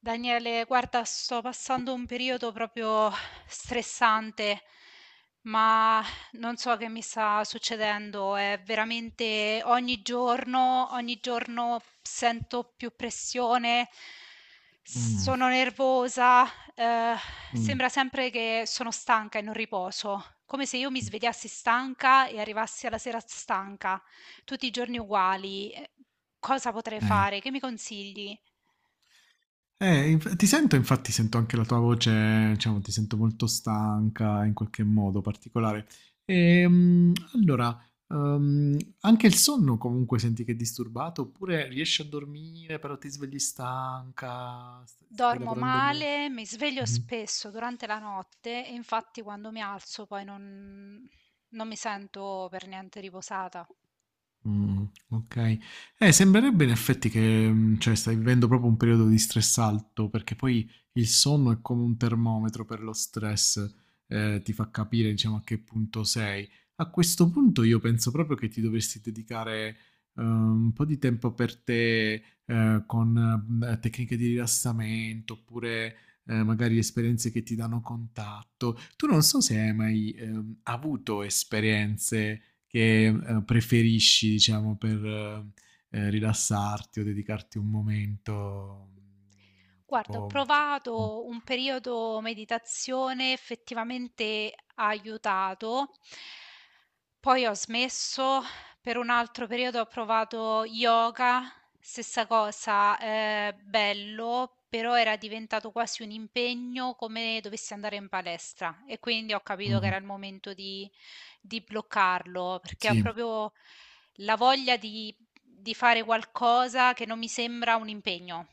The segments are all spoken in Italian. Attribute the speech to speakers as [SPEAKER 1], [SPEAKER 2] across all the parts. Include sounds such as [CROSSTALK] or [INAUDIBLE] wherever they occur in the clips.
[SPEAKER 1] Daniele, guarda, sto passando un periodo proprio stressante, ma non so che mi sta succedendo. È veramente ogni giorno sento più pressione,
[SPEAKER 2] Mh,
[SPEAKER 1] sono nervosa, eh,
[SPEAKER 2] mh,
[SPEAKER 1] sembra sempre che sono stanca e non riposo, come se io mi svegliassi stanca e arrivassi alla sera stanca, tutti i giorni uguali. Cosa potrei
[SPEAKER 2] okay.
[SPEAKER 1] fare? Che mi consigli?
[SPEAKER 2] Inf Ti sento, infatti sento anche la tua voce, diciamo ti sento molto stanca in qualche modo particolare. Allora, anche il sonno comunque senti che è disturbato, oppure riesci a dormire però ti svegli stanca, st stai
[SPEAKER 1] Dormo
[SPEAKER 2] lavorando mo
[SPEAKER 1] male, mi sveglio
[SPEAKER 2] mh-mh.
[SPEAKER 1] spesso durante la notte e infatti quando mi alzo poi non mi sento per niente riposata.
[SPEAKER 2] Mh, okay. Sembrerebbe in effetti che, cioè stai vivendo proprio un periodo di stress alto, perché poi il sonno è come un termometro per lo stress, ti fa capire diciamo a che punto sei. A questo punto io penso proprio che ti dovresti dedicare, un po' di tempo per te, con, tecniche di rilassamento oppure, magari esperienze che ti danno contatto. Tu non so se hai mai, avuto esperienze, che preferisci, diciamo, per rilassarti o dedicarti un momento,
[SPEAKER 1] Guarda, ho
[SPEAKER 2] tipo... Mh.
[SPEAKER 1] provato un periodo meditazione, effettivamente ha aiutato. Poi ho smesso, per un altro periodo ho provato yoga, stessa cosa, bello, però era diventato quasi un impegno come dovessi andare in palestra e quindi ho capito che
[SPEAKER 2] Mh.
[SPEAKER 1] era il momento di bloccarlo, perché ho
[SPEAKER 2] Sì.
[SPEAKER 1] proprio la voglia di fare qualcosa che non mi sembra un impegno.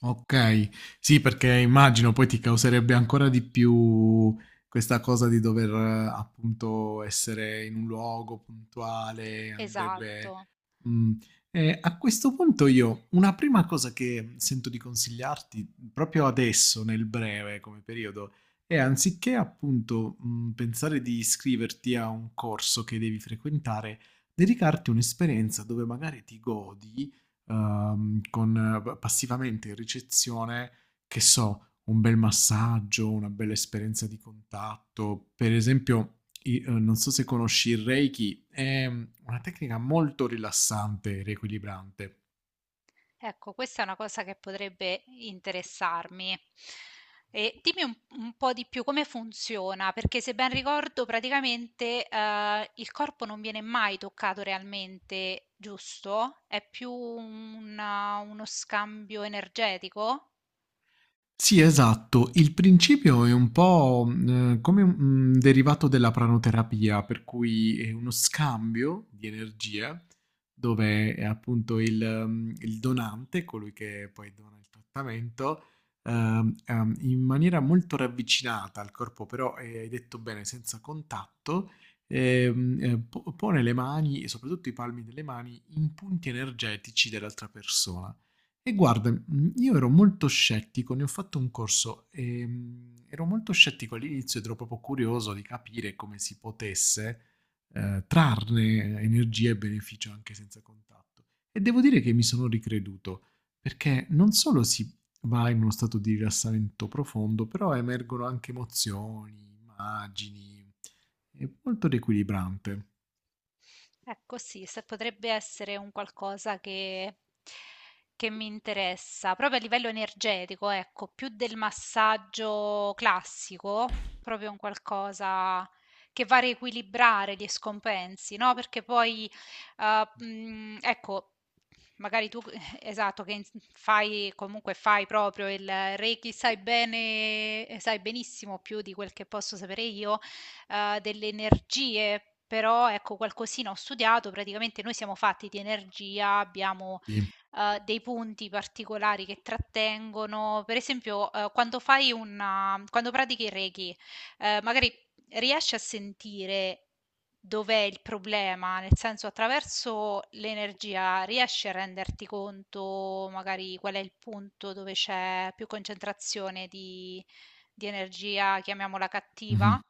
[SPEAKER 2] Okay. Sì, perché immagino poi ti causerebbe ancora di più questa cosa di dover appunto essere in un luogo puntuale,
[SPEAKER 1] Esatto.
[SPEAKER 2] andrebbe mhmm, a questo punto io una prima cosa che sento di consigliarti, proprio adesso nel breve come periodo, è anziché appunto, pensare di iscriverti a un corso che devi frequentare, dedicarti un'esperienza dove magari ti godi, con passivamente in ricezione, che so, un bel massaggio, una bella esperienza di contatto. Per esempio, non so se conosci il Reiki, è una tecnica molto rilassante e riequilibrante.
[SPEAKER 1] Ecco, questa è una cosa che potrebbe interessarmi. E dimmi un po' di più come funziona, perché se ben ricordo, praticamente il corpo non viene mai toccato realmente, giusto? È più uno scambio energetico?
[SPEAKER 2] Sì, esatto. Il principio è un po', come un derivato della pranoterapia, per cui è uno scambio di energie, dove, appunto il il donante, colui che poi dona il trattamento, in maniera molto ravvicinata al corpo, però, hai detto bene, senza contatto, po pone le mani e soprattutto i palmi delle mani in punti energetici dell'altra persona. E guarda, io ero molto scettico, ne ho fatto un corso, ero molto scettico all'inizio ed ero proprio curioso di capire come si potesse, trarne energia e beneficio anche senza contatto. E devo dire che mi sono ricreduto, perché non solo si va in uno stato di rilassamento profondo, però emergono anche emozioni, immagini, è molto riequilibrante.
[SPEAKER 1] Ecco sì, se potrebbe essere un qualcosa che mi interessa, proprio a livello energetico, ecco, più del massaggio classico, proprio un qualcosa che va a riequilibrare gli scompensi, no? Perché poi, ecco, magari tu, [LAUGHS] esatto, fai, comunque fai proprio il Reiki, sai bene, sai benissimo più di quel che posso sapere io delle energie, però ecco qualcosina ho studiato, praticamente noi siamo fatti di energia, abbiamo,
[SPEAKER 2] Sì,
[SPEAKER 1] dei punti particolari che trattengono per esempio, quando fai una quando pratichi il Reiki, magari riesci a sentire dov'è il problema, nel senso attraverso l'energia riesci a renderti conto magari qual è il punto dove c'è più concentrazione di energia, chiamiamola
[SPEAKER 2] mh-mh.
[SPEAKER 1] cattiva?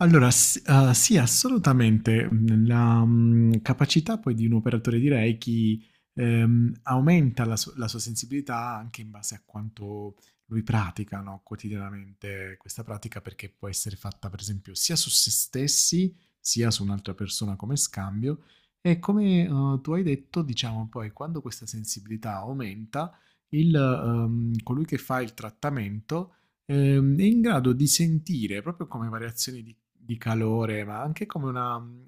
[SPEAKER 2] Allora, sì, assolutamente. La, capacità poi di un operatore di Reiki aumenta la, la sua sensibilità anche in base a quanto lui pratica, no, quotidianamente questa pratica, perché può essere fatta, per esempio, sia su se stessi, sia su un'altra persona come scambio. E come tu hai detto, diciamo poi, quando questa sensibilità aumenta, il, colui che fa il trattamento è in grado di sentire proprio come variazioni di calore, ma anche come una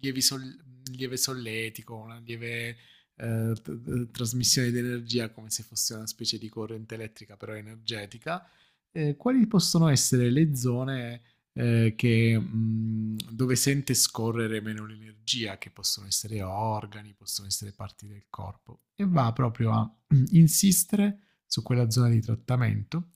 [SPEAKER 2] lievi sol- lieve solletico, una lieve trasmissione di energia, come se fosse una specie di corrente elettrica, però energetica. Quali possono essere le zone che, dove sente scorrere meno l'energia, che possono essere organi, possono essere parti del corpo, e va proprio a [CLEARS THROAT] insistere su quella zona di trattamento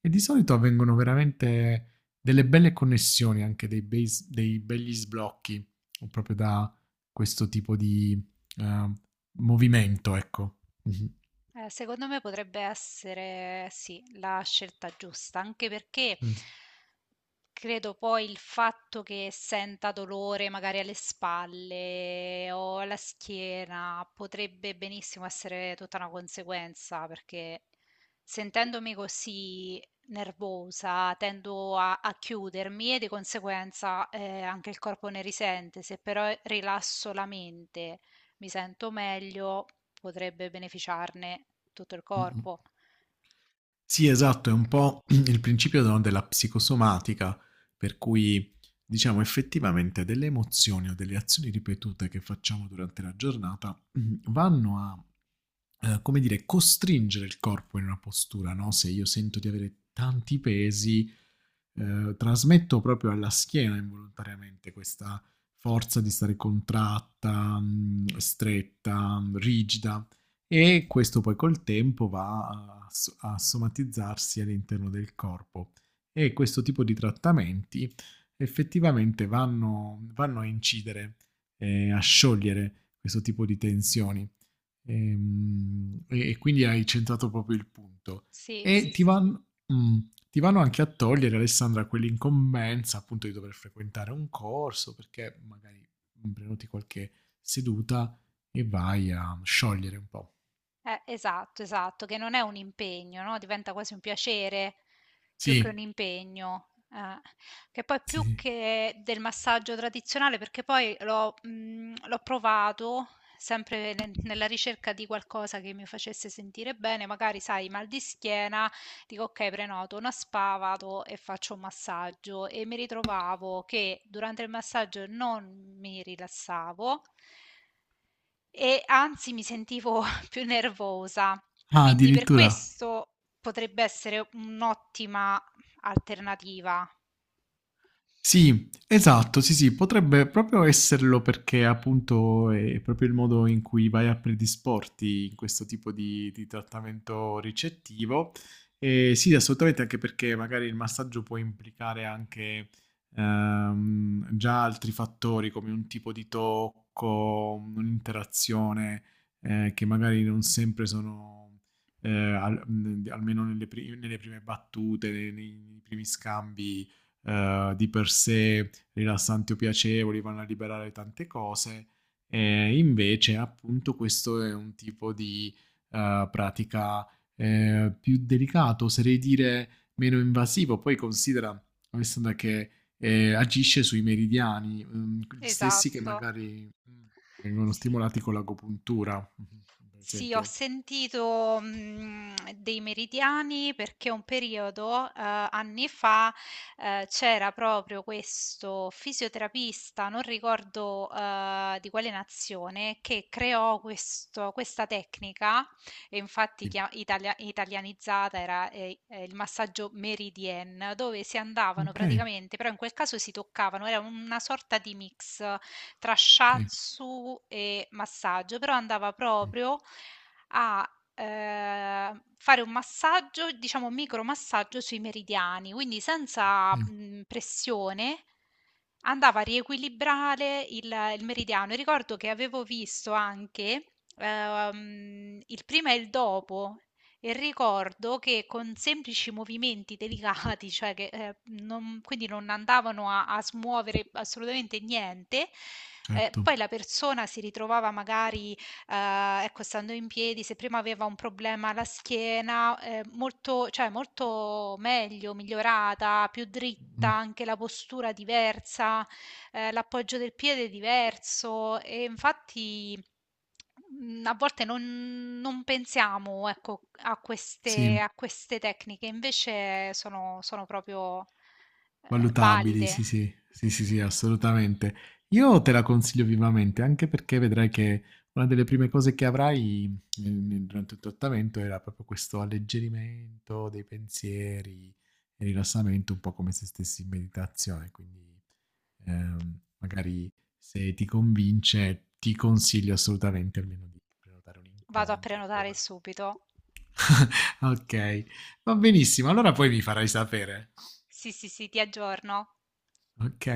[SPEAKER 2] e di solito avvengono veramente delle belle connessioni, anche dei, dei begli sblocchi, proprio da questo tipo di eh, movimento, ecco. Mhm.
[SPEAKER 1] Secondo me potrebbe essere sì, la scelta giusta, anche perché
[SPEAKER 2] Mm,
[SPEAKER 1] credo poi il fatto che senta dolore magari alle spalle o alla schiena potrebbe benissimo essere tutta una conseguenza, perché sentendomi così nervosa tendo a chiudermi e di conseguenza anche il corpo ne risente. Se però rilasso la mente mi sento meglio, potrebbe beneficiarne tutto il
[SPEAKER 2] mm,
[SPEAKER 1] corpo.
[SPEAKER 2] sì, esatto, è un po' [CLEARS THROAT] il principio no, della psicosomatica, per cui diciamo effettivamente delle emozioni o delle azioni ripetute che facciamo durante la giornata [CLEARS THROAT] vanno a, come dire, costringere il corpo in una postura, no? Se io sento di avere tanti pesi, trasmetto proprio alla schiena involontariamente questa forza di stare contratta, stretta, rigida, e questo poi col tempo va a, a somatizzarsi all'interno del corpo e questo tipo di trattamenti effettivamente vanno a incidere, a sciogliere questo tipo di tensioni. E quindi hai centrato proprio il punto
[SPEAKER 1] Sì, sì,
[SPEAKER 2] e ti
[SPEAKER 1] sì, sì.
[SPEAKER 2] vanno, ti vanno anche a togliere, Alessandra, quell'incombenza appunto di dover frequentare un corso perché magari prenoti qualche seduta e vai a sciogliere un po'.
[SPEAKER 1] Esatto, esatto, che non è un impegno, no? Diventa quasi un piacere più
[SPEAKER 2] Sì,
[SPEAKER 1] che un impegno. Eh. Che poi
[SPEAKER 2] sì,
[SPEAKER 1] più
[SPEAKER 2] sì.
[SPEAKER 1] che del massaggio tradizionale, perché poi l'ho provato sempre nella ricerca di qualcosa che mi facesse sentire bene, magari sai, mal di schiena. Dico: "Okay, prenoto una spa, vado e faccio un massaggio" e mi ritrovavo che durante il massaggio non mi rilassavo e anzi mi sentivo [LAUGHS] più nervosa.
[SPEAKER 2] Ah,
[SPEAKER 1] Quindi per
[SPEAKER 2] addirittura.
[SPEAKER 1] questo potrebbe essere un'ottima alternativa.
[SPEAKER 2] Sì, esatto, sì, sì, potrebbe proprio esserlo perché appunto è proprio il modo in cui vai a predisporti in questo tipo di trattamento ricettivo. E sì, assolutamente, anche perché magari il massaggio può implicare anche già altri fattori come un tipo di tocco, un'interazione che magari non sempre sono, almeno nelle, nelle prime battute, nei primi scambi di per sé rilassanti o piacevoli, vanno a liberare tante cose, e invece appunto questo è un tipo di pratica più delicato, oserei dire meno invasivo, poi considera, Alessandra, che agisce sui meridiani, gli
[SPEAKER 1] Sì.
[SPEAKER 2] stessi che
[SPEAKER 1] Esatto.
[SPEAKER 2] magari vengono
[SPEAKER 1] Sì.
[SPEAKER 2] stimolati con l'agopuntura, mhm, per
[SPEAKER 1] Sì, ho
[SPEAKER 2] esempio.
[SPEAKER 1] sentito, dei meridiani perché un periodo, anni fa, c'era proprio questo fisioterapista, non ricordo, di quale nazione, che creò questo questa tecnica e infatti
[SPEAKER 2] Sì.
[SPEAKER 1] chia italia italianizzata era, il massaggio meridien, dove si andavano
[SPEAKER 2] Ok,
[SPEAKER 1] praticamente, però in quel caso si toccavano, era una sorta di mix tra
[SPEAKER 2] ok,
[SPEAKER 1] shiatsu e massaggio, però andava
[SPEAKER 2] sì,
[SPEAKER 1] proprio a fare un massaggio, diciamo micromassaggio sui meridiani, quindi senza
[SPEAKER 2] eh,
[SPEAKER 1] pressione andava a riequilibrare il meridiano. E ricordo che avevo visto anche il prima e il dopo e ricordo che con semplici movimenti delicati, [LAUGHS] cioè che, non quindi non andavano a smuovere assolutamente niente,
[SPEAKER 2] certo.
[SPEAKER 1] poi la persona si ritrovava magari, ecco, stando in piedi, se prima aveva un problema alla schiena, molto cioè molto meglio, migliorata, più dritta,
[SPEAKER 2] Mm,
[SPEAKER 1] anche la postura diversa, l'appoggio del piede è diverso e infatti, mhmm, a volte non pensiamo, ecco,
[SPEAKER 2] sì,
[SPEAKER 1] a queste tecniche, invece sono proprio,
[SPEAKER 2] valutabili,
[SPEAKER 1] valide.
[SPEAKER 2] sì, sì, sì, sì, sì, assolutamente. Io te la consiglio vivamente, anche perché vedrai che una delle prime cose che avrai durante il trattamento era proprio questo alleggerimento dei pensieri e rilassamento, un po' come se stessi in meditazione. Quindi, magari se ti convince, ti consiglio assolutamente almeno di prenotare un
[SPEAKER 1] Vado a
[SPEAKER 2] incontro e poi
[SPEAKER 1] prenotare
[SPEAKER 2] valut-
[SPEAKER 1] subito.
[SPEAKER 2] Ok, va benissimo. Allora poi mi farai sapere.
[SPEAKER 1] Sì, sì, sì, ti aggiorno.
[SPEAKER 2] Ok.